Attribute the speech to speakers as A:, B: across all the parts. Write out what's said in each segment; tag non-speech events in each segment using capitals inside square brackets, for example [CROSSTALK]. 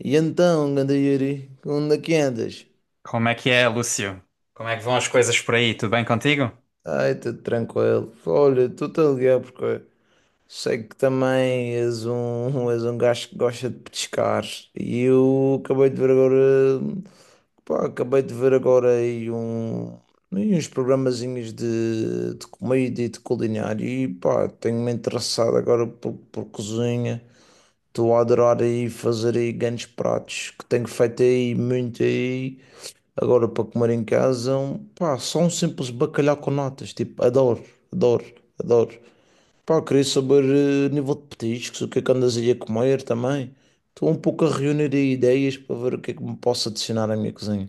A: E então, ganda Yuri, onde é que andas?
B: Como é que é, Lúcio? Como é que vão as coisas por aí? Tudo bem contigo?
A: Ai, tudo tranquilo. Olha, estou-te a ligar porque sei que também és um, [LAUGHS] és um gajo que gosta de pescar. E eu acabei de ver agora, pá, acabei de ver agora aí um, aí uns programazinhos de comida e de culinária. E pá, tenho-me interessado agora por cozinha. Estou a adorar aí fazer aí grandes pratos que tenho feito aí muito aí. Agora, para comer em casa, pá, só um simples bacalhau com natas. Tipo, adoro, adoro, adoro. Pá, queria saber, nível de petiscos, o que é que andas aí a comer também. Estou um pouco a reunir aí ideias para ver o que é que me posso adicionar à minha cozinha.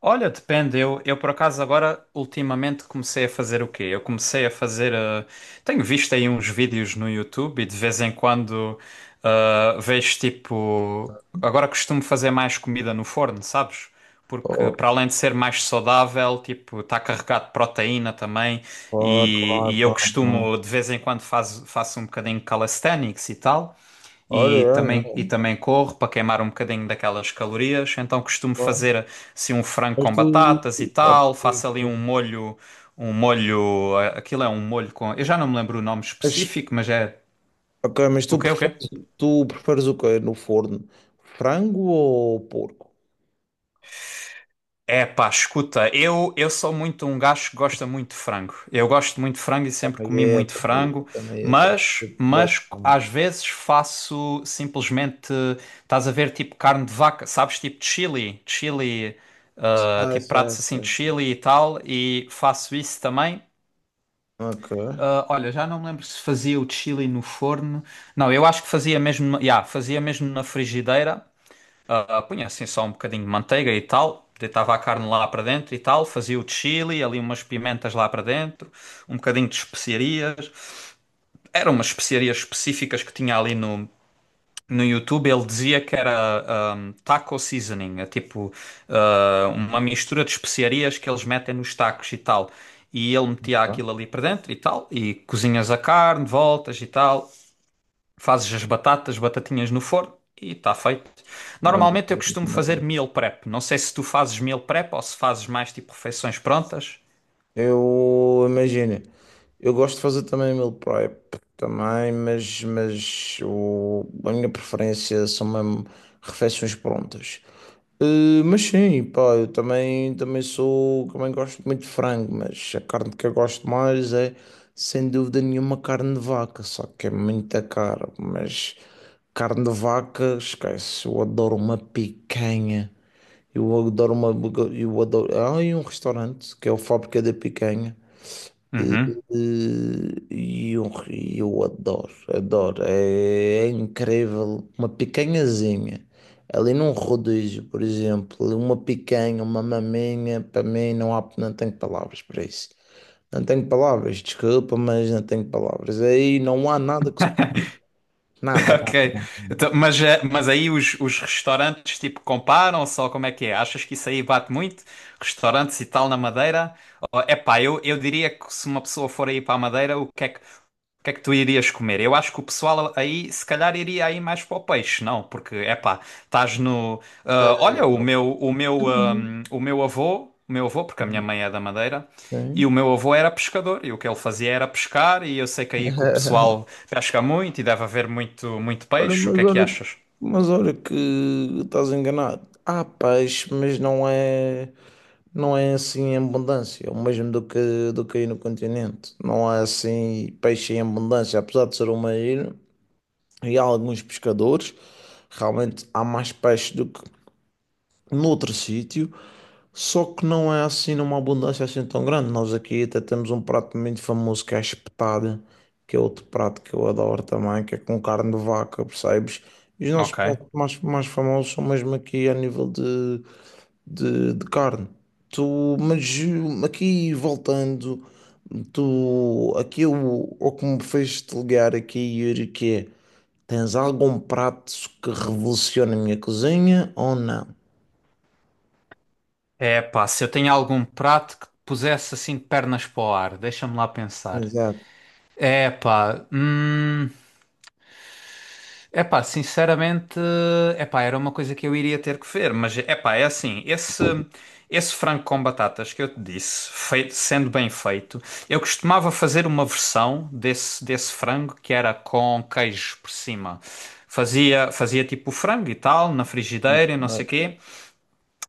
B: Olha, depende. Eu por acaso agora ultimamente comecei a fazer o quê? Eu comecei a fazer. Tenho visto aí uns vídeos no YouTube e de vez em quando vejo tipo. Agora costumo fazer mais comida no forno, sabes? Porque
A: Oh,
B: para além de ser mais saudável, tipo, está carregado de proteína também
A: claro,
B: e,
A: claro,
B: e eu
A: claro, claro.
B: costumo de vez em quando faço um bocadinho de calisthenics e tal.
A: Olha,
B: e também, e
A: é,
B: também corro para queimar um bocadinho daquelas calorias. Então costumo
A: claro.
B: fazer assim um frango
A: Mas
B: com
A: tu.
B: batatas e
A: Ok,
B: tal, faço ali um molho, um molho, aquilo é um molho com, eu já não me lembro o nome
A: mas,
B: específico, mas é
A: ok, mas
B: o quê?
A: tu preferes o quê no forno? Frango ou porco?
B: É pá, escuta, eu sou muito um gajo que gosta muito de frango. Eu gosto muito de frango e sempre
A: Também
B: comi
A: é,
B: muito
A: também é,
B: frango,
A: também é. Também
B: mas às
A: é.
B: vezes faço simplesmente, estás a ver, tipo carne de vaca, sabes, tipo de chili,
A: Ah, é
B: tipo pratos
A: certo,
B: assim
A: é
B: de
A: certo.
B: chili e tal, e faço isso também.
A: Ok.
B: Ah, olha, já não me lembro se fazia o chili no forno. Não, eu acho que fazia mesmo, yeah, fazia mesmo na frigideira. Punha assim só um bocadinho de manteiga e tal, deitava a carne lá para dentro e tal, fazia o chili, ali umas pimentas lá para dentro, um bocadinho de especiarias. Eram umas especiarias específicas que tinha ali no YouTube. Ele dizia que era taco seasoning, é tipo, uma mistura de especiarias que eles metem nos tacos e tal. E ele metia
A: Tá.
B: aquilo ali para dentro e tal, e cozinhas a carne, voltas e tal. Fazes as batatas, batatinhas no forno e está feito.
A: Maravilha,
B: Normalmente eu costumo fazer
A: maravilha.
B: meal prep. Não sei se tu fazes meal prep ou se fazes mais tipo refeições prontas.
A: Eu imagino, eu gosto de fazer também meal prep também, mas, mas a minha preferência são mesmo refeições prontas. Mas sim, pá, eu também, também sou, também gosto muito de frango, mas a carne que eu gosto mais é, sem dúvida nenhuma, carne de vaca, só que é muita cara, mas carne de vaca, esquece, eu adoro uma picanha. Eu adoro uma, eu adoro, há aí um restaurante que é o Fábrica da Picanha. eh,
B: Uhum.
A: e eu adoro, adoro. É, é incrível. Uma picanhazinha. Ali num rodízio, por exemplo, uma picanha, uma maminha, para mim não há, não tenho palavras para isso. Não tenho palavras, desculpa, mas não tenho palavras. Aí não há nada que. Nada,
B: [LAUGHS]
A: nada.
B: Ok. Então, mas mas aí os restaurantes tipo comparam só como é que é? Achas que isso aí bate muito? Restaurantes e tal na Madeira? É epá, eu diria que se uma pessoa for aí para a Madeira, o que é que, o que é que tu irias comer? Eu acho que o pessoal aí se calhar iria aí mais para o peixe, não? Porque é epá, estás no. Olha, o meu avô, o meu avô, porque a minha mãe é da Madeira. E o
A: Sim.
B: meu avô era pescador, e o que ele fazia era pescar, e eu sei que aí que o
A: [LAUGHS]
B: pessoal pesca muito e deve haver muito, muito
A: Olha,
B: peixe. O que
A: mas
B: é que
A: olha,
B: achas?
A: mas olha que estás enganado. Há peixe, mas não é, não é assim em abundância, é o mesmo do que aí no continente. Não há assim peixe em abundância, apesar de ser uma ilha e há alguns pescadores, realmente há mais peixe do que noutro sítio, só que não é assim numa abundância assim tão grande. Nós aqui até temos um prato muito famoso que é a espetada, que é outro prato que eu adoro também, que é com carne de vaca, percebes? E os nossos
B: Ok.
A: pratos mais, mais famosos são mesmo aqui a nível de carne. Tu, mas aqui voltando, tu, aqui o que me fez te ligar aqui, Yuri, que é, tens algum prato que revolucione a minha cozinha ou não?
B: É pá, se eu tenho algum prato que pusesse assim de pernas para o ar, deixa-me lá pensar.
A: Exato.
B: É pá. Epá, sinceramente, epá, era uma coisa que eu iria ter que ver, mas epá, é assim, esse frango com batatas que eu te disse, feito- sendo bem feito, eu costumava fazer uma versão desse frango que era com queijo por cima. Fazia tipo o frango e tal, na frigideira e não sei o quê.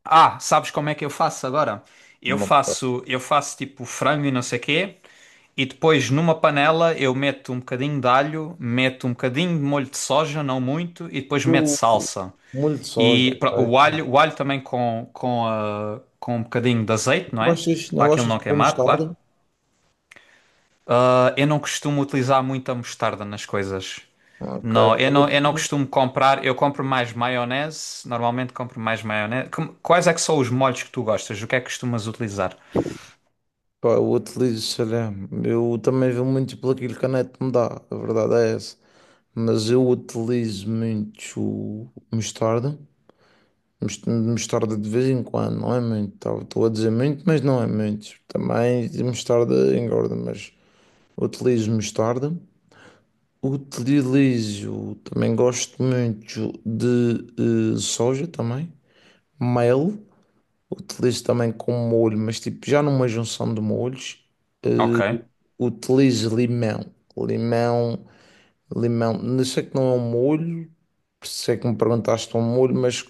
B: Sabes como é que eu faço agora?
A: Uma.
B: Eu faço tipo frango e não sei quê, e depois numa panela eu meto um bocadinho de alho, meto um bocadinho de molho de soja, não muito, e depois meto
A: O
B: salsa.
A: molho de soja,
B: E o
A: ok.
B: o alho também com com um bocadinho de azeite,
A: Não
B: não é?
A: gostas, não
B: Para aquilo
A: gostas
B: não
A: de pôr
B: queimar, claro.
A: mostarda?
B: Ah, eu não costumo utilizar muita mostarda nas coisas.
A: Ok,
B: Não, eu não
A: olha,
B: costumo comprar. Eu compro mais maionese. Normalmente compro mais maionese. Como- Quais é que são os molhos que tu gostas? O que é que costumas utilizar?
A: pá, eu utilizo salame. Eu também vou muito pelo aquilo que a net me dá, a verdade é essa. Mas eu utilizo muito mostarda. Mostarda de vez em quando, não é muito, tá? Estou a dizer muito, mas não é muito. Também mostarda engorda, mas utilizo mostarda. Utilizo, também gosto muito de soja também, mel. Utilizo também como molho, mas tipo já numa junção de molhos.
B: Ok.
A: eh, Utilizo limão. Limão, limão. Não sei que não é um molho, sei que me perguntaste um molho, mas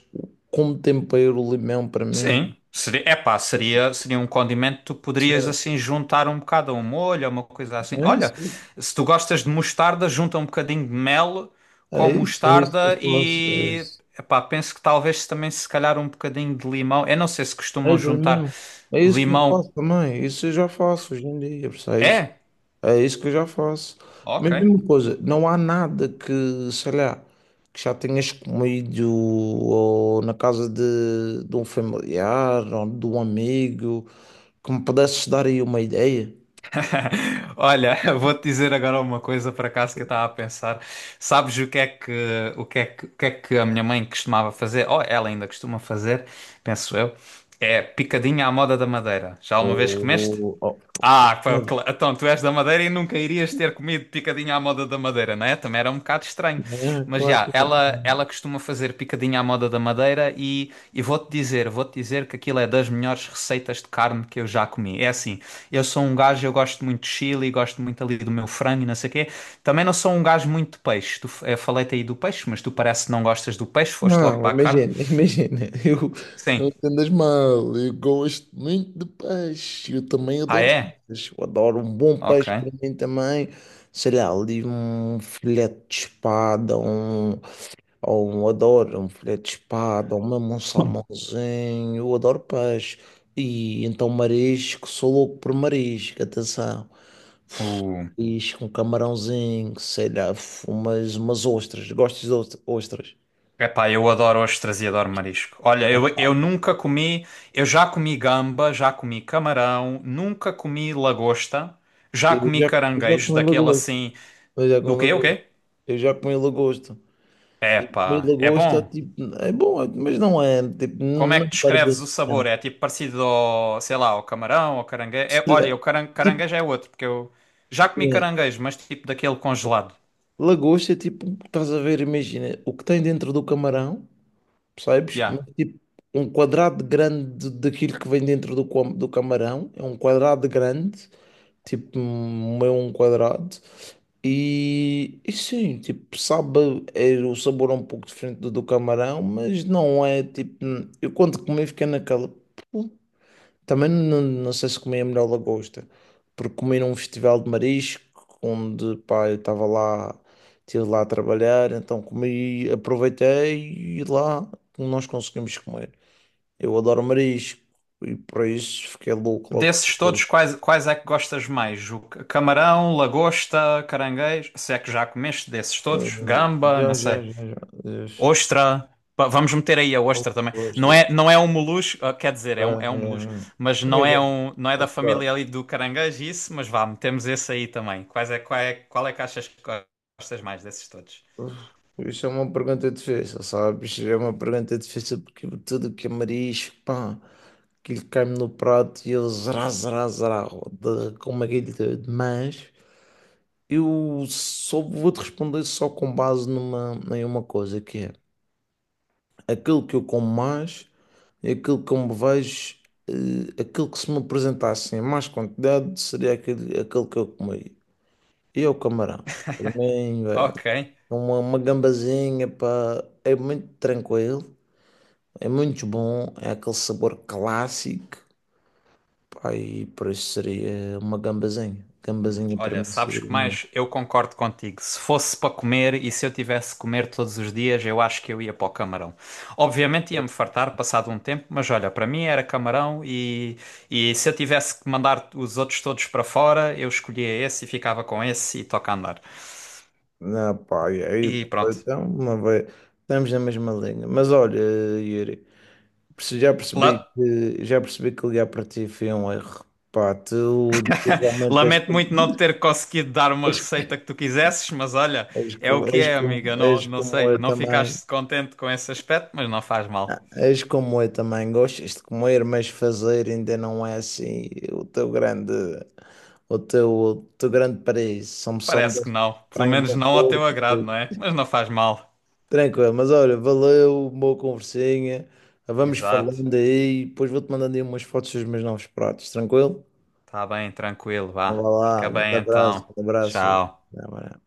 A: como tempero o limão para mim.
B: Sim, seria um condimento que tu
A: isso
B: poderias
A: É
B: assim juntar um bocado a um molho, a uma coisa assim.
A: é
B: Olha,
A: isso,
B: se tu gostas de mostarda, junta um bocadinho de mel com
A: é isso que
B: mostarda
A: eu faço. É
B: e
A: isso.
B: epá, penso que talvez também se calhar um bocadinho de limão. Eu não sei se
A: É
B: costumam
A: de
B: juntar
A: limão. É isso que eu
B: limão.
A: faço também. Isso eu já faço hoje em dia, percebes?
B: É?
A: É isso que eu já faço.
B: Ok.
A: Mas mesma coisa, não há nada que, sei lá, que já tenhas comido ou na casa de um familiar ou de um amigo que me pudesses dar aí uma ideia.
B: [LAUGHS] Olha, eu vou-te dizer agora uma coisa por acaso que eu estava a pensar. Sabes o que é que, o que é que, o que é que a minha mãe costumava fazer? Ou ela ainda costuma fazer, penso eu, é picadinha à moda da Madeira. Já
A: Ou,
B: alguma vez comeste?
A: ou-
B: Ah, pá,
A: ou-
B: cla- então tu és da Madeira e nunca irias ter comido picadinha à moda da Madeira, não é? Também era um bocado estranho.
A: né?
B: Mas
A: Claro que não.
B: ela costuma fazer picadinha à moda da Madeira e vou-te dizer que aquilo é das melhores receitas de carne que eu já comi. É assim, eu sou um gajo, eu gosto muito de chili, gosto muito ali do meu frango e não sei o quê. Também não sou um gajo muito de peixe. Tu, eu falei-te aí do peixe, mas tu parece que não gostas do peixe, foste logo
A: Não,
B: para a carne.
A: imagina, [LAUGHS] imagina, eu
B: Sim.
A: não te mal, eu gosto muito de peixe, eu também
B: Ah,
A: adoro
B: é?
A: peixe, eu adoro um bom
B: Ok.
A: peixe para mim também, sei lá, ali um filete de espada, um, ou um, adoro um filete de espada, ou mesmo um salmãozinho, eu adoro peixe, e então marisco, sou louco por marisco, atenção,
B: Uh.
A: marisco, um camarãozinho, sei lá, umas ostras, gostas de ostras? Ostras.
B: Epá, eu adoro ostras e adoro marisco. Olha, eu nunca comi, eu já comi gamba, já comi camarão, nunca comi lagosta, já
A: Eu
B: comi
A: já, eu já
B: caranguejo,
A: comi
B: daquele
A: lagosta.
B: assim.
A: Eu já comi
B: O quê? O
A: lagosta.
B: quê?
A: Eu já comi lagosta. Comi
B: Epá, é
A: lagosta,
B: bom.
A: tipo, é bom, mas não é, tipo,
B: Como é
A: não
B: que
A: perde
B: descreves
A: assim
B: o sabor?
A: tanto.
B: É tipo parecido ao, sei lá, ao camarão, ao caranguejo. É,
A: Sei lá,
B: olha, o
A: tipo,
B: caranguejo é outro, porque eu já comi
A: é,
B: caranguejo, mas tipo daquele congelado.
A: lagosta é tipo, estás a ver, imagina, o que tem dentro do camarão, percebes?
B: Yeah.
A: Mas, tipo, um quadrado grande daquilo que vem dentro do, do camarão, é um quadrado grande, tipo um meio um quadrado. E sim, tipo, sabe, é, o sabor é um pouco diferente do camarão, mas não é tipo. Eu quando comi fiquei naquela. "Pô". Também não, não sei se comi a melhor lagosta, porque comi num festival de marisco, onde pá, eu estava lá, estive lá a trabalhar, então comi, aproveitei e lá nós conseguimos comer. Eu adoro marisco e por isso fiquei louco logo.
B: Desses todos, quais é que gostas mais? O camarão, lagosta, caranguejo? Se é que já comeste desses
A: Ee,
B: todos? Gamba, não
A: Já já
B: sei.
A: já já. Yes.
B: Ostra. Pa- Vamos meter aí a ostra também.
A: Bom, işte.
B: Não é um molusco, quer dizer, é é um molusco,
A: Ee,
B: mas não é
A: Imagina,
B: um, não é da
A: opa,
B: família ali do caranguejo, isso, mas vá, metemos esse aí também. Quais é, qual é, qual é que achas que gostas mais desses todos?
A: uf, isso é uma pergunta difícil, sabes? É uma pergunta difícil porque tudo que é marisco, pá, que lhe cai no prato e eu zerá, zerá, zerá, como aquele de mas eu só vou te responder só com base numa, em uma coisa que é. Aquele que eu como mais, é aquele que eu me vejo, aquele que se me apresentasse em mais quantidade seria aquele, aquele que eu comi. E é o camarão. Para
B: [LAUGHS]
A: mim, é
B: Ok.
A: uma gambazinha, pá, é muito tranquilo, é muito bom, é aquele sabor clássico, pá, e por isso seria uma gambazinha. Gambazinha para
B: Olha,
A: mim
B: sabes
A: seria
B: que
A: uma.
B: mais? Eu concordo contigo. Se fosse para comer e se eu tivesse que comer todos os dias, eu acho que eu ia para o camarão. Obviamente ia-me fartar passado um tempo, mas olha, para mim era camarão e se eu tivesse que mandar os outros todos para fora, eu escolhia esse e ficava com esse e toca a andar.
A: Não, pá, e aí,
B: E pronto.
A: então, uma vez, estamos na mesma linha. Mas olha, Yuri.
B: La-
A: Já percebi que ligar para ti foi um erro. Pá, tu realmente és
B: Lamento
A: como,
B: muito não ter conseguido dar uma
A: [LAUGHS] és,
B: receita que tu quisesses, mas olha,
A: és
B: é o
A: como,
B: que
A: és
B: é,
A: como,
B: amiga.
A: és
B: Não, não
A: como
B: sei,
A: eu
B: não
A: também.
B: ficaste contente com esse aspecto, mas não faz
A: Ah,
B: mal.
A: és como eu também. Gostas de comer, mas fazer ainda não é assim o teu grande paraíso. São só me
B: Parece que
A: deste
B: não. Pelo
A: frango
B: menos
A: no
B: não ao teu
A: Porto.
B: agrado, não é? Mas não faz mal.
A: Tranquilo, mas olha, valeu, boa conversinha. Vamos
B: Exato.
A: falando aí, depois vou-te mandando aí umas fotos dos meus novos pratos, tranquilo?
B: Tá bem, tranquilo,
A: Então, vai
B: vá.
A: lá.
B: Fica
A: Um grande
B: bem
A: abraço, um
B: então.
A: grande abraço.
B: Tchau.
A: Até amanhã.